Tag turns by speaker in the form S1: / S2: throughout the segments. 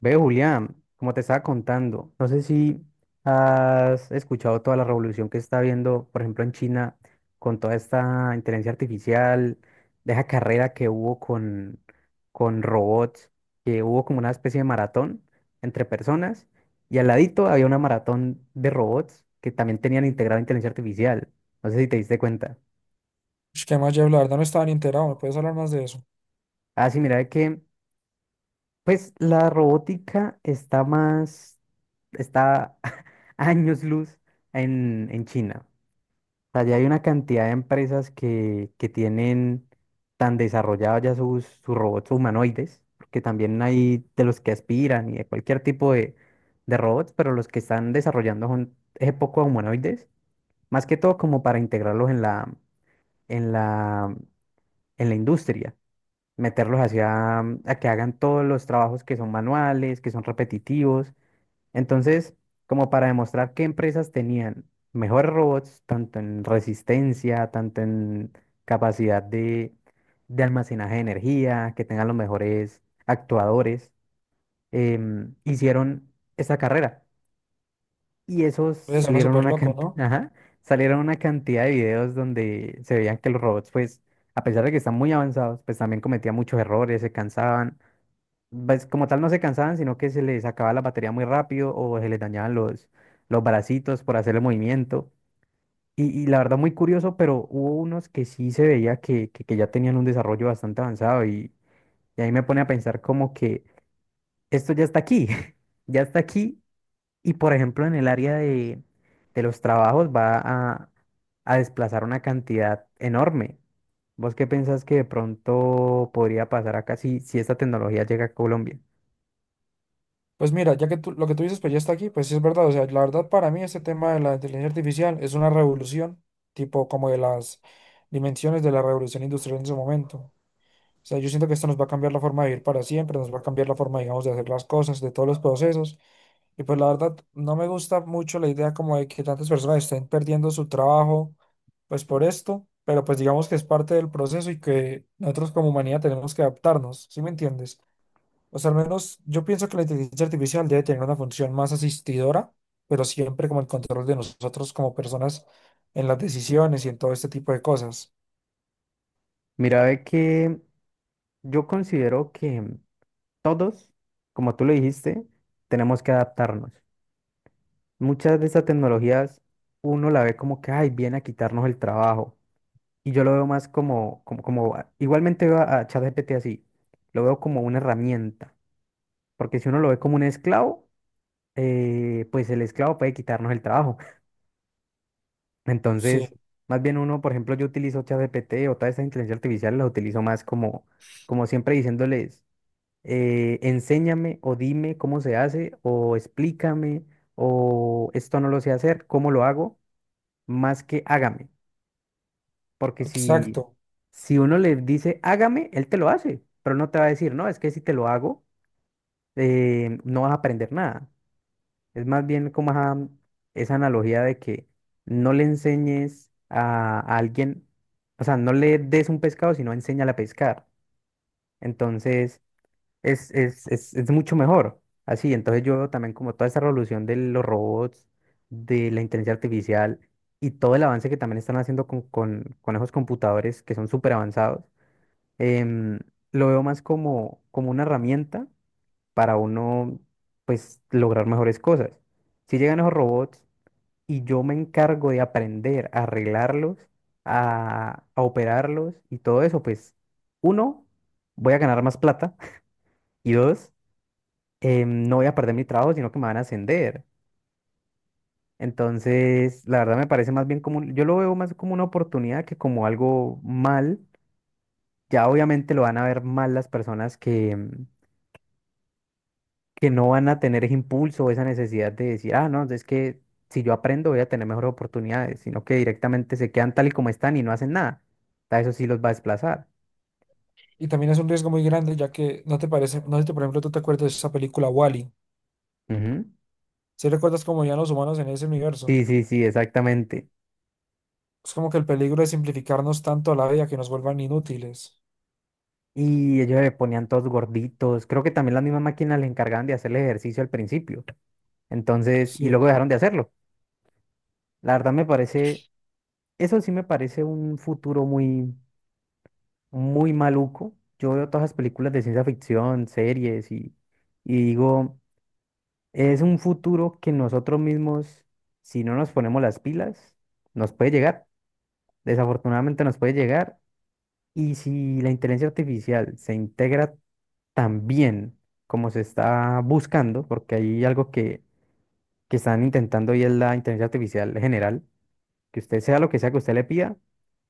S1: Ve, Julián, como te estaba contando, no sé si has escuchado toda la revolución que está habiendo, por ejemplo, en China, con toda esta inteligencia artificial, de esa carrera que hubo con robots, que hubo como una especie de maratón entre personas, y al ladito había una maratón de robots que también tenían integrada inteligencia artificial. No sé si te diste cuenta.
S2: Ush, qué más, Jeff, la verdad no estaba ni enterado, ¿me puedes hablar más de eso?
S1: Ah, sí, mira, de que pues la robótica está más está años luz en China. O sea, ya hay una cantidad de empresas que tienen tan desarrollados ya sus robots humanoides, porque también hay de los que aspiran y de cualquier tipo de robots, pero los que están desarrollando son es poco humanoides, más que todo como para integrarlos en en la, en la industria, meterlos hacia a que hagan todos los trabajos que son manuales, que son repetitivos entonces, como para demostrar qué empresas tenían mejores robots, tanto en resistencia, tanto en capacidad de almacenaje de energía, que tengan los mejores actuadores, hicieron esa carrera. Y esos
S2: Pues suena
S1: salieron
S2: súper
S1: una
S2: loco, ¿no?
S1: cantidad, salieron una cantidad de videos donde se veían que los robots, pues, a pesar de que están muy avanzados, pues también cometían muchos errores, se cansaban pues, como tal no se cansaban, sino que se les acababa la batería muy rápido o se les dañaban los bracitos por hacer el movimiento. Y la verdad muy curioso, pero hubo unos que sí se veía que ya tenían un desarrollo bastante avanzado y ahí me pone a pensar como que esto ya está aquí, ya está aquí y por ejemplo en el área de los trabajos a desplazar una cantidad enorme. ¿Vos qué pensás que de pronto podría pasar acá si esta tecnología llega a Colombia?
S2: Pues mira, ya que tú, lo que tú dices, pues ya está aquí, pues sí es verdad, o sea, la verdad para mí este tema de la inteligencia artificial es una revolución, tipo como de las dimensiones de la revolución industrial en su momento. O sea, yo siento que esto nos va a cambiar la forma de vivir para siempre, nos va a cambiar la forma, digamos, de hacer las cosas, de todos los procesos. Y pues la verdad, no me gusta mucho la idea como de que tantas personas estén perdiendo su trabajo, pues por esto, pero pues digamos que es parte del proceso y que nosotros como humanidad tenemos que adaptarnos, ¿sí me entiendes? O sea, al menos yo pienso que la inteligencia artificial debe tener una función más asistidora, pero siempre como el control de nosotros como personas en las decisiones y en todo este tipo de cosas.
S1: Mira, ve que yo considero que todos, como tú lo dijiste, tenemos que adaptarnos. Muchas de estas tecnologías uno la ve como que, ay, viene a quitarnos el trabajo. Y yo lo veo más igualmente veo a ChatGPT así, lo veo como una herramienta. Porque si uno lo ve como un esclavo, pues el esclavo puede quitarnos el trabajo.
S2: Sí,
S1: Entonces, más bien uno, por ejemplo, yo utilizo ChatGPT o toda esta inteligencia artificial, la utilizo más como, como siempre diciéndoles. Enséñame o dime cómo se hace o explícame o esto no lo sé hacer, cómo lo hago, más que hágame. Porque si,
S2: exacto.
S1: si uno le dice hágame, él te lo hace, pero no te va a decir, no, es que si te lo hago, no vas a aprender nada. Es más bien como esa analogía de que no le enseñes a alguien, o sea, no le des un pescado, sino enséñale a pescar. Entonces, es mucho mejor. Así, entonces yo veo también como toda esa revolución de los robots, de la inteligencia artificial y todo el avance que también están haciendo con esos computadores que son súper avanzados, em, lo veo más como, como una herramienta para uno, pues, lograr mejores cosas. Si llegan esos robots y yo me encargo de aprender a arreglarlos, a operarlos y todo eso, pues, uno, voy a ganar más plata y dos, no voy a perder mi trabajo, sino que me van a ascender. Entonces, la verdad me parece más bien como, yo lo veo más como una oportunidad que como algo mal. Ya obviamente lo van a ver mal las personas que, que no van a tener ese impulso o esa necesidad de decir, ah, no, es que si yo aprendo voy a tener mejores oportunidades, sino que directamente se quedan tal y como están y no hacen nada. Eso sí los va a desplazar.
S2: Y también es un riesgo muy grande, ya que no te parece, no sé si, por ejemplo, tú te acuerdas de esa película Wall-E.
S1: Ujú.
S2: ¿Si recuerdas cómo ya los humanos en ese universo?
S1: Sí, sí, sí, exactamente.
S2: Es como que el peligro de simplificarnos tanto la vida que nos vuelvan inútiles.
S1: Y ellos se ponían todos gorditos. Creo que también las mismas máquinas les encargaban de hacer el ejercicio al principio. Entonces, y
S2: Sí.
S1: luego dejaron de hacerlo. La verdad me parece, eso sí me parece un futuro muy, muy maluco. Yo veo todas las películas de ciencia ficción, series y digo, es un futuro que nosotros mismos, si no nos ponemos las pilas, nos puede llegar. Desafortunadamente nos puede llegar. Y si la inteligencia artificial se integra tan bien como se está buscando, porque hay algo que están intentando y es la inteligencia artificial general, que usted sea lo que sea que usted le pida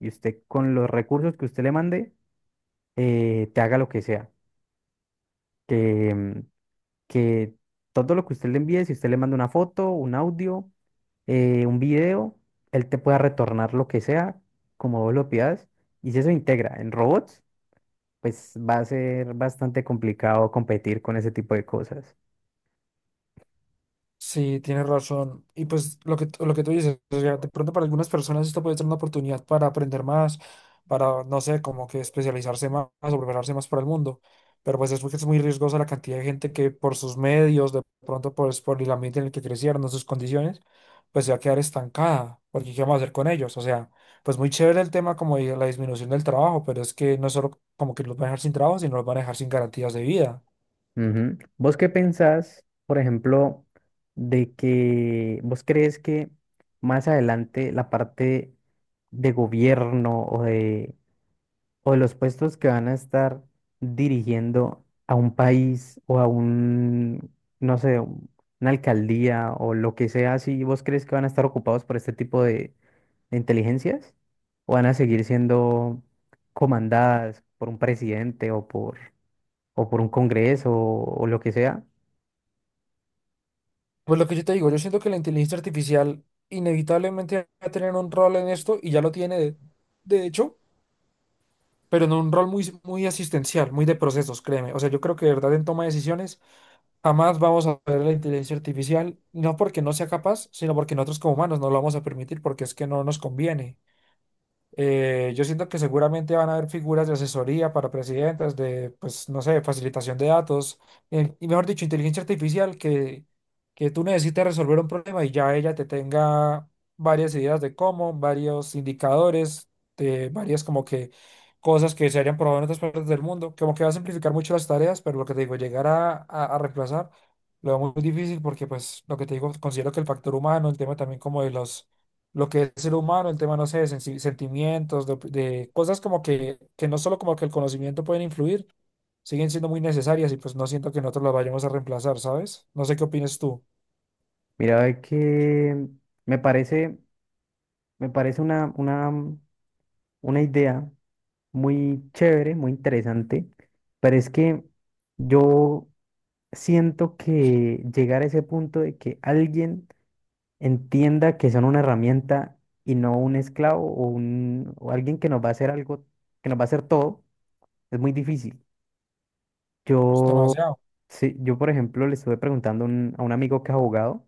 S1: y usted con los recursos que usted le mande, te haga lo que sea. Que, que todo lo que usted le envíe, si usted le manda una foto, un audio, un video, él te pueda retornar lo que sea, como vos lo pidas. Y si eso integra en robots, pues va a ser bastante complicado competir con ese tipo de cosas.
S2: Sí, tienes razón. Y pues lo que tú dices, o sea, de pronto para algunas personas esto puede ser una oportunidad para aprender más, para, no sé, como que especializarse más o prepararse más para el mundo. Pero pues es porque es muy riesgosa la cantidad de gente que por sus medios, de pronto pues, por el ambiente en el que crecieron, o sus condiciones, pues se va a quedar estancada. Porque ¿qué vamos a hacer con ellos? O sea, pues muy chévere el tema como de la disminución del trabajo, pero es que no es solo como que los van a dejar sin trabajo, sino los van a dejar sin garantías de vida.
S1: Ujú. ¿Vos qué pensás, por ejemplo, de que vos crees que más adelante la parte de gobierno o de los puestos que van a estar dirigiendo a un país o a un, no sé, una alcaldía o lo que sea, si vos crees que van a estar ocupados por este tipo de inteligencias o van a seguir siendo comandadas por un presidente o por un congreso o lo que sea?
S2: Pues lo que yo te digo, yo siento que la inteligencia artificial inevitablemente va a tener un rol en esto y ya lo tiene, de hecho, pero en un rol muy, muy asistencial, muy de procesos, créeme. O sea, yo creo que de verdad en toma de decisiones jamás vamos a ver la inteligencia artificial, no porque no sea capaz, sino porque nosotros como humanos no lo vamos a permitir porque es que no nos conviene. Yo siento que seguramente van a haber figuras de asesoría para presidentes, de, pues, no sé, facilitación de datos, y mejor dicho, inteligencia artificial que tú necesites resolver un problema y ya ella te tenga varias ideas de cómo, varios indicadores, de varias como que cosas que se hayan probado en otras partes del mundo, como que va a simplificar mucho las tareas, pero lo que te digo, llegar a reemplazar lo veo muy difícil porque, pues, lo que te digo, considero que el factor humano, el tema también como de los, lo que es el ser humano, el tema, no sé, de sentimientos, de, de cosas como que no solo como que el conocimiento pueden influir, siguen siendo muy necesarias y pues no siento que nosotros las vayamos a reemplazar, ¿sabes? No sé qué opinas tú.
S1: Mira, es que me parece, me parece una idea muy chévere, muy interesante, pero es que yo siento que llegar a ese punto de que alguien entienda que son una herramienta y no un esclavo o alguien que nos va a hacer algo, que nos va a hacer todo, es muy difícil.
S2: Es
S1: Yo,
S2: demasiado.
S1: sí, yo por ejemplo, le estuve preguntando a un amigo que es abogado.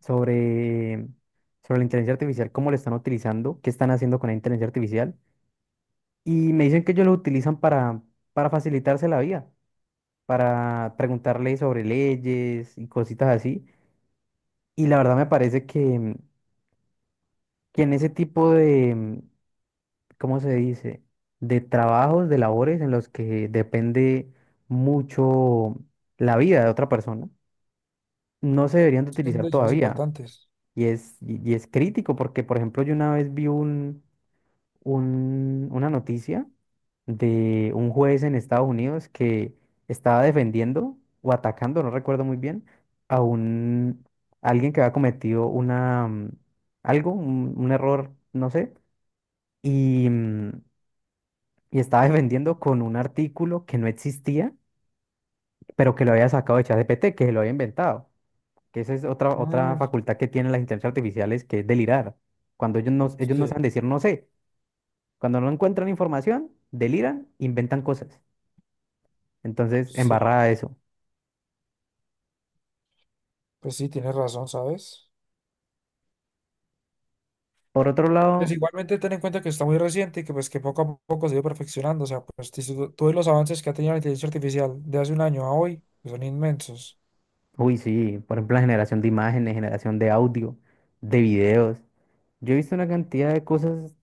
S1: Sobre sobre, la inteligencia artificial, cómo la están utilizando, qué están haciendo con la inteligencia artificial. Y me dicen que ellos lo utilizan para facilitarse la vida, para preguntarle sobre leyes y cositas así. Y la verdad me parece que en ese tipo de, ¿cómo se dice? De trabajos, de labores en los que depende mucho la vida de otra persona, no se deberían de
S2: Es que son
S1: utilizar
S2: decisiones
S1: todavía.
S2: importantes.
S1: Y es crítico porque, por ejemplo, yo una vez vi un, una noticia de un juez en Estados Unidos que estaba defendiendo o atacando, no recuerdo muy bien, a un alguien que había cometido una un error, no sé, y, mm, y estaba defendiendo con un artículo que no existía, pero que lo había sacado de ChatGPT, que se lo había inventado. Que esa es otra
S2: Mm,
S1: facultad que tienen las inteligencias artificiales, que es delirar. Cuando ellos no
S2: sí,
S1: saben decir no sé. Cuando no encuentran información, deliran, inventan cosas. Entonces,
S2: sí,
S1: embarrada eso.
S2: pues sí, tienes razón, ¿sabes?
S1: Por otro
S2: Pues
S1: lado,
S2: igualmente ten en cuenta que está muy reciente y que pues que poco a poco se ha ido perfeccionando. O sea, pues tú ves los avances que ha tenido la inteligencia artificial de hace un año a hoy, que son inmensos.
S1: uy, sí, por ejemplo, la generación de imágenes, generación de audio, de videos. Yo he visto una cantidad de cosas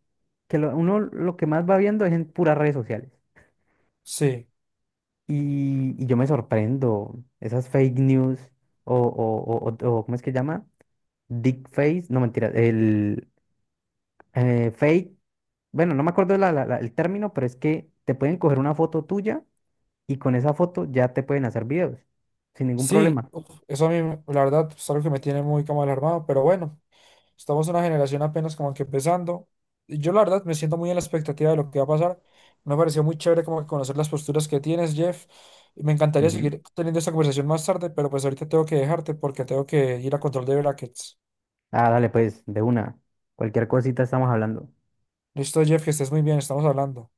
S1: que uno lo que más va viendo es en puras redes sociales.
S2: Sí.
S1: Y yo me sorprendo, esas fake news o, o, ¿cómo es que llama? Dick face, no mentira, el fake, bueno, no me acuerdo el término, pero es que te pueden coger una foto tuya y con esa foto ya te pueden hacer videos sin ningún
S2: Sí,
S1: problema.
S2: uf, eso a mí, la verdad, es algo que me tiene muy como alarmado, pero bueno, estamos en una generación apenas como que empezando. Y Yo la verdad me siento muy en la expectativa de lo que va a pasar. Me pareció muy chévere como que conocer las posturas que tienes, Jeff. Y Me encantaría
S1: Ujú.
S2: seguir teniendo esta conversación más tarde, pero pues ahorita tengo que dejarte porque tengo que ir a control de brackets.
S1: Ah, dale, pues, de una. Cualquier cosita estamos hablando.
S2: Listo, Jeff, que estés muy bien, estamos hablando.